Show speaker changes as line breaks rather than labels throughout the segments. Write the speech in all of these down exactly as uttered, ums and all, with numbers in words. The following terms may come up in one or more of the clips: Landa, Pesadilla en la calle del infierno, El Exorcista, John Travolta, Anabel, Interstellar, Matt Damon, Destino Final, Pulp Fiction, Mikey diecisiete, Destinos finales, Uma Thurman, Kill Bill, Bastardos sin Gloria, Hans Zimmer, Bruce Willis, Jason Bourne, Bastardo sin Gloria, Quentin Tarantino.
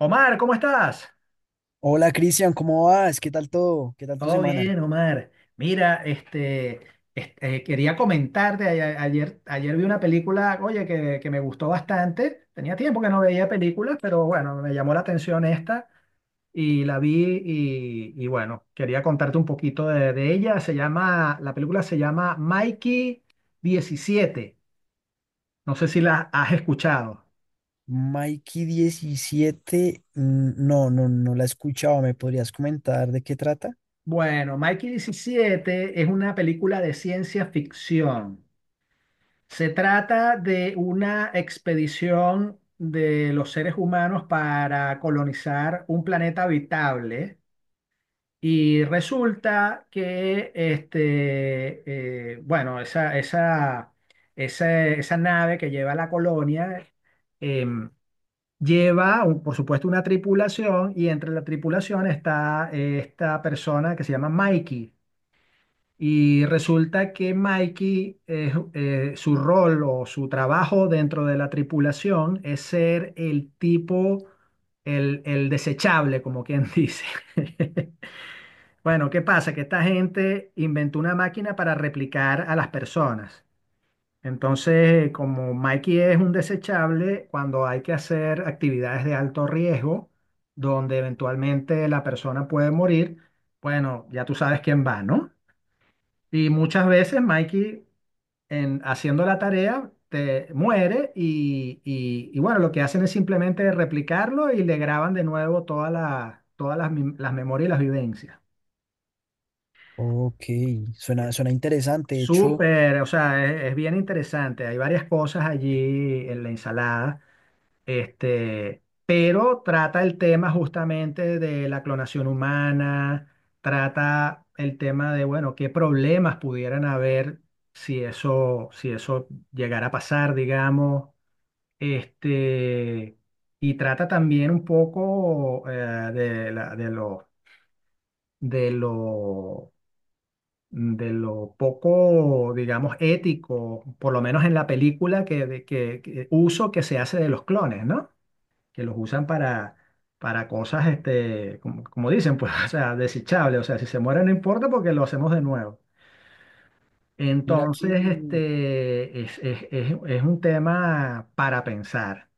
Omar, ¿cómo estás?
Hola Cristian, ¿cómo vas? ¿Qué tal todo? ¿Qué tal tu
Todo
semana?
bien, Omar. Mira, este, este, eh, quería comentarte, a- ayer, ayer vi una película, oye, que, que me gustó bastante. Tenía tiempo que no veía películas, pero bueno, me llamó la atención esta y la vi y, y bueno, quería contarte un poquito de, de ella. Se llama, la película se llama Mikey diecisiete. No sé si la has escuchado.
Mikey diecisiete, mm, no, no, no la he escuchado. ¿Me podrías comentar de qué trata?
Bueno, Mikey diecisiete es una película de ciencia ficción. Se trata de una expedición de los seres humanos para colonizar un planeta habitable y resulta que, este, eh, bueno, esa, esa, esa, esa nave que lleva la colonia em, lleva, un- por supuesto, una tripulación, y entre la tripulación está esta persona que se llama Mikey. Y resulta que Mikey, eh, eh, su rol o su trabajo dentro de la tripulación es ser el tipo, el, el desechable, como quien dice. Bueno, ¿qué pasa? Que esta gente inventó una máquina para replicar a las personas. Entonces, como Mikey es un desechable, cuando hay que hacer actividades de alto riesgo, donde eventualmente la persona puede morir, bueno, ya tú sabes quién va, ¿no? Y muchas veces Mikey, en, haciendo la tarea, te muere, y, y- y bueno, lo que hacen es simplemente replicarlo y le graban de nuevo todas las todas las, mem- las memorias y las vivencias.
Ok, suena, suena interesante. De hecho,
Súper, o sea, es, es bien interesante. Hay varias cosas allí en la ensalada. Este, pero trata el tema justamente de la clonación humana, trata el tema de, bueno, qué problemas pudieran haber si eso, si eso llegara a pasar, digamos. Este, y trata también un poco eh, de la- de lo, de lo, de lo poco, digamos, ético, por lo menos en la película, que, de- que, que- uso que se hace de los clones, ¿no? Que los usan para, para cosas, este, como, como dicen, pues, o sea, desechables. O sea, si se muere no importa porque lo hacemos de nuevo.
mira aquí,
Entonces, este, es, es, es, es un tema para pensar.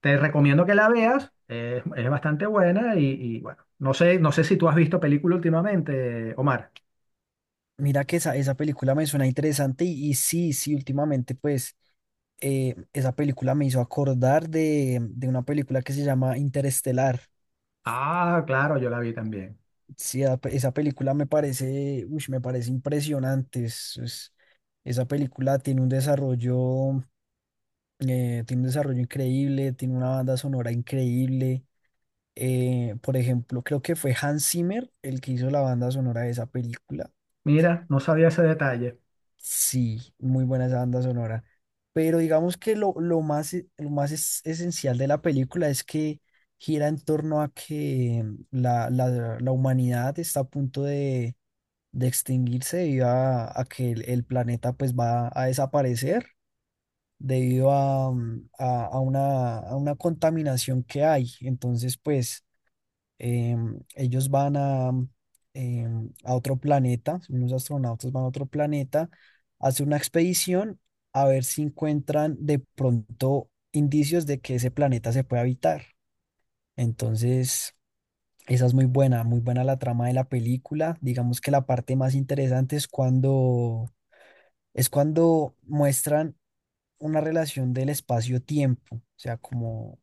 Te recomiendo que la veas, es, es bastante buena y, y bueno, no sé, no sé si tú has visto película últimamente, Omar.
mira que esa, esa película me suena interesante y, y sí, sí, últimamente pues eh, esa película me hizo acordar de, de una película que se llama Interestelar.
Ah, claro, yo la vi también.
Sí, a- esa película me parece, uy, me parece impresionante. es- es- esa película tiene un desarrollo, eh, tiene un desarrollo increíble, tiene una banda sonora increíble. Eh, por ejemplo, creo que fue Hans Zimmer el que hizo la banda sonora de esa película.
Mira, no sabía ese detalle.
Sí, muy buena esa banda sonora. Pero digamos que lo, lo más, e- lo más es- esencial de la película es que gira en torno a que la, la- la humanidad está a punto de, de extinguirse debido a, a que el, el planeta pues va a desaparecer debido a, mm, a- a una, a una contaminación que hay. Entonces, pues em, ellos van a, em, a otro planeta, unos astronautas van a otro planeta, hacen una expedición a ver si encuentran de pronto indicios de que ese planeta se puede habitar. Entonces, esa es muy buena, muy buena la trama de la película. Digamos que la parte más interesante es cuando, es cuando muestran una relación del espacio-tiempo, o sea, como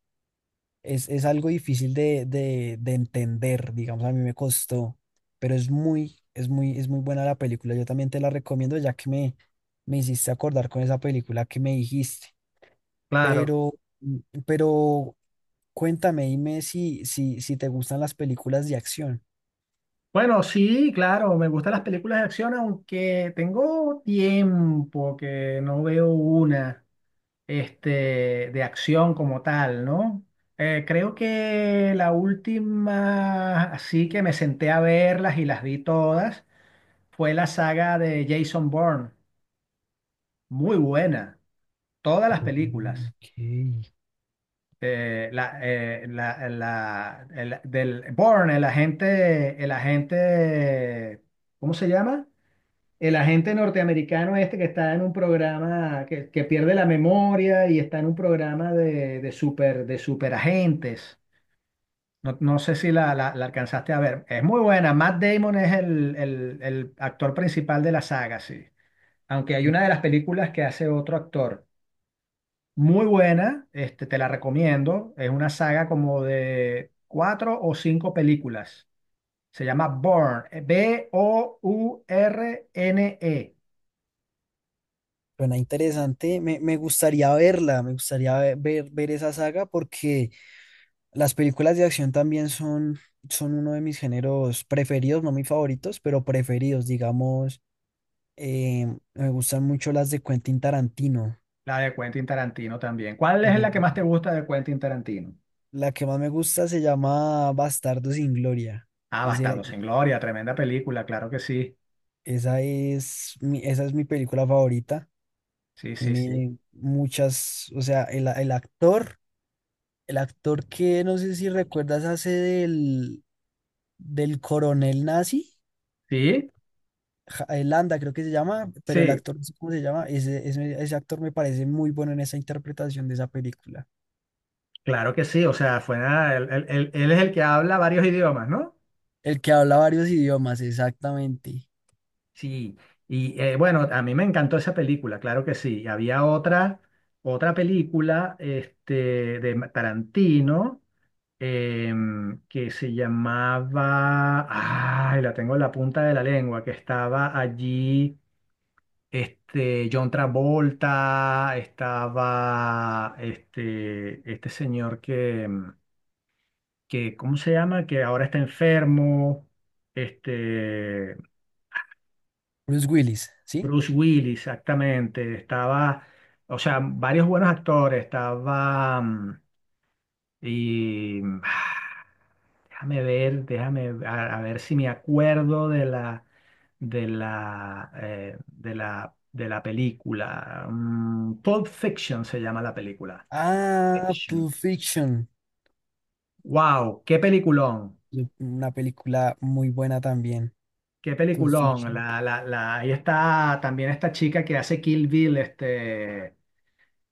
es, es algo difícil de, de, de entender, digamos, a mí me costó, pero es muy, es muy, es muy buena la película. Yo también te la recomiendo ya que me, me hiciste acordar con esa película que me dijiste,
Claro.
pero, mm, pero cuéntame, dime si, si, si te gustan las películas de acción.
Bueno, sí, claro, me gustan las películas de acción, aunque tengo tiempo que no veo una, este, de acción como tal, ¿no? Eh, creo que la última, así que me senté a verlas y las vi todas, fue la saga de Jason Bourne. Muy buena, todas las películas.
Ok.
Eh, la, eh, la- la- el- del Bourne, el agente, el agente, ¿cómo se llama? El agente norteamericano este que está en un programa que, que pierde la memoria y está en un programa de, de super, de superagentes. No, no sé si la, la- la alcanzaste a ver. Es muy buena. Matt Damon es el, el- el actor principal de la saga, sí. Aunque hay una de las películas que hace otro actor. Muy buena, este, te la recomiendo. Es una saga como de cuatro o cinco películas. Se llama Bourne B O U R N E.
Suena interesante, me, me gustaría verla, me gustaría ve- ver, ver esa saga porque las películas de acción también son, son uno de mis géneros preferidos, no mis favoritos, pero preferidos, digamos, eh, me gustan mucho las de Quentin Tarantino.
La de Quentin Tarantino también. ¿Cuál
La
es
que
la que más te gusta de Quentin Tarantino?
la que más me gusta se llama Bastardo sin Gloria.
Ah,
Es de la-
Bastardos sin Gloria, tremenda película, claro que sí.
esa es mi, esa es mi película favorita.
Sí, sí, sí.
Tiene muchas, o sea, el el actor. El actor que no sé si recuerdas hace del, del coronel nazi,
Sí,
Ja- eh, Landa creo que se llama, pero el
sí,
actor no sé cómo se llama, ese, ese, ese actor me parece muy bueno en esa interpretación de esa película.
claro que sí. O sea, fue nada, él, él- él- él es el que habla varios idiomas, ¿no?
El que habla varios idiomas, exactamente.
Sí. Y eh, bueno, a mí me encantó esa película, claro que sí. Y había otra, otra película este, de Ma- Tarantino em, que se llamaba, ay, la tengo en la punta de la lengua, que estaba allí. Este, John Travolta, estaba este, este señor que, mm, que, ¿cómo se llama? Que ahora está enfermo, este,
Bruce Willis, ¿sí?
Bruce Willis, exactamente, estaba, o sea, varios buenos actores, estaba, mm, Y ah, déjame ver, déjame a, a ver si me acuerdo de la de la eh, de la de la película. Mm, Pulp Fiction se llama la película.
Ah,
Action.
Pulp Fiction,
Wow, qué peliculón,
yo- una película muy buena también.
qué
Pulp
peliculón.
Fiction.
La, la, la, ahí está también esta chica que hace Kill Bill, este,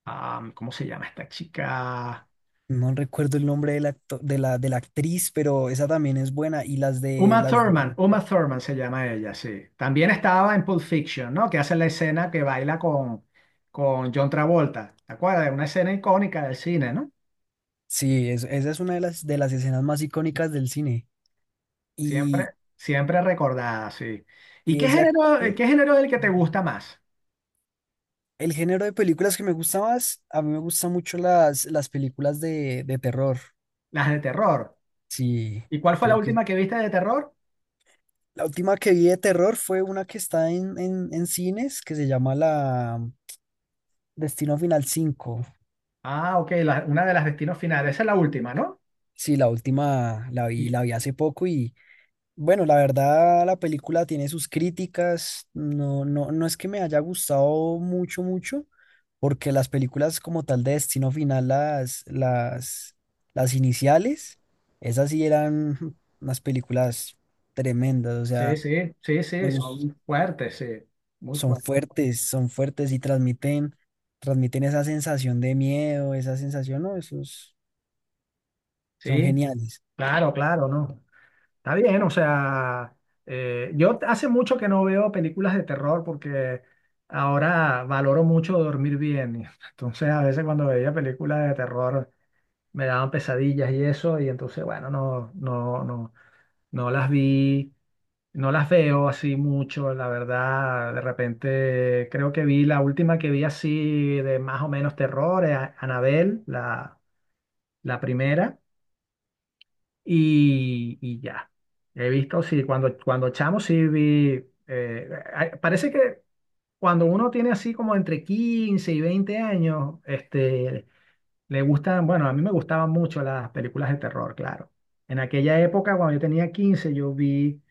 am, ¿cómo se llama esta chica?
No recuerdo el nombre del actor, de la, de la actriz, pero esa también es buena. Y las de
Uma
las
Thurman,
de
Uma Thurman se llama ella, sí. También estaba en Pulp Fiction, ¿no? Que hace la escena que baila con, con John Travolta. ¿Te acuerdas? Una escena icónica del cine, ¿no?
Sí, es- esa es una de las, de las escenas más icónicas del cine. Y,
Siempre, siempre recordada, sí. ¿Y
y
qué
ese
género, eh,
actor,
qué género es el que te gusta más?
el género de películas que me gusta más, a mí me gustan mucho las, las películas de, de terror.
Las de terror.
Sí,
¿Y cuál fue la
creo que
última que viste de terror?
la última que vi de terror fue una que está en, en, en cines que se llama la Destino Final cinco.
Ah, ok, la- una de las destinos finales. Esa es la última, ¿no?
Sí, la última la vi,
Y-
la vi hace poco. Bueno, la verdad, la película tiene sus críticas. No, no, no es que me haya gustado mucho, mucho, porque las películas como tal de Destino Final, las, las, las iniciales, esas sí eran unas películas tremendas. O
Sí,
sea,
sí, sí, sí,
me gus-
son fuertes, sí. Muy
son
fuertes.
fuertes, son fuertes y transmiten, transmiten esa sensación de miedo, esa sensación, no, esos son
Sí,
geniales.
claro, claro, ¿no? Está bien, o sea, eh, yo t- hace mucho que no veo películas de terror porque ahora valoro mucho dormir bien. Y entonces, a veces cuando veía películas de terror me daban pesadillas y eso, y entonces, bueno, no, no, no, no las vi, no las veo así mucho, la verdad. De repente, creo que vi la última que vi así de más o menos terror, eh, Anabel, la, la primera y, y ya. He visto, sí, cuando, cuando chamo sí vi, eh, ay, parece que cuando uno tiene así como entre quince y veinte años, este, le gustan, bueno, a mí me gustaban mucho las películas de terror, claro. En aquella época, cuando yo tenía quince yo vi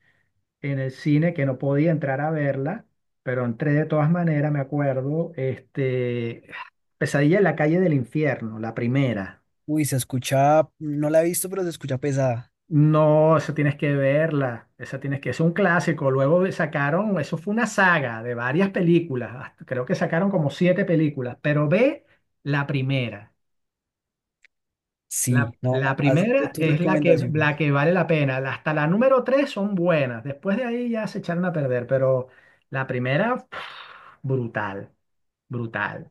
en el cine que no podía entrar a verla, pero entré de todas maneras, me acuerdo, este, Pesadilla en la calle del infierno, la primera.
Uy, se escucha, no la he visto, pero se escucha pesada.
No, esa tienes que verla, esa tienes que, es un clásico. Luego sacaron, eso fue una saga de varias películas, hasta- creo que sacaron como siete películas, pero ve la primera. La,
Sí, no,
la
ha- has dado
primera
tus
es la que, la
recomendaciones.
que vale la pena. la- Hasta la número tres son buenas, después de ahí ya se echaron a perder, pero la primera, pff, brutal, brutal.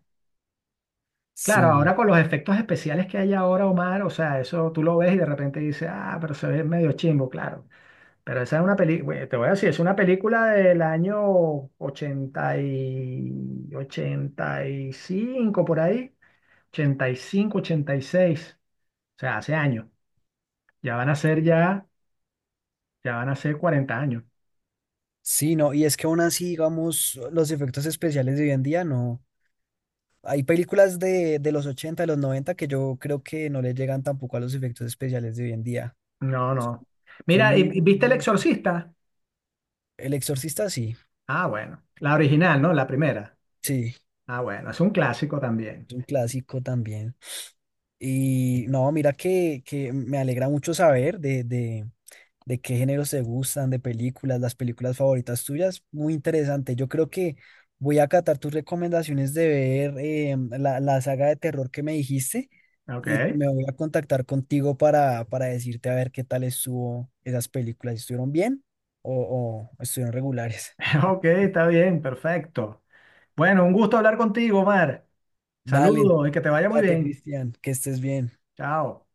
Claro,
Sí,
ahora con los efectos especiales que hay ahora, Omar, o sea, eso tú lo ves y de repente dices, ah, pero se ve medio chimbo, claro. Pero esa es una película, te voy a decir, es una película del año ochenta y ochenta y cinco por ahí, ochenta, ochenta y cinco, ochenta y seis, o sea, hace años. Ya van a ser
sí,
ya, ya van a ser cuarenta años.
sí, no, y es que aún así, digamos, los efectos especiales de hoy en día no. Hay películas de, de los ochenta, de los noventa que yo creo que no le llegan tampoco a los efectos especiales de hoy en día.
No,
Son,
no.
son
Mira, ¿y-
muy
y
bien
¿viste El
hechos.
Exorcista?
El Exorcista, sí,
Ah, bueno. La original, ¿no? La primera.
sí,
Ah, bueno, es un clásico también.
es un clásico también. Y no, mira que, que me alegra mucho saber de, de de qué géneros te gustan, de películas, las películas favoritas tuyas. Muy interesante. Yo creo que voy a acatar tus recomendaciones de ver eh, la, la saga de terror que me dijiste
Ok.
y me voy a contactar contigo para, para decirte a ver qué tal estuvo esas películas. ¿Estuvieron bien o, o estuvieron regulares?
Ok, está bien, perfecto. Bueno, un gusto hablar contigo, Omar.
Dale,
Saludos y que te vaya muy
date,
bien.
Cristian, que estés bien.
Chao.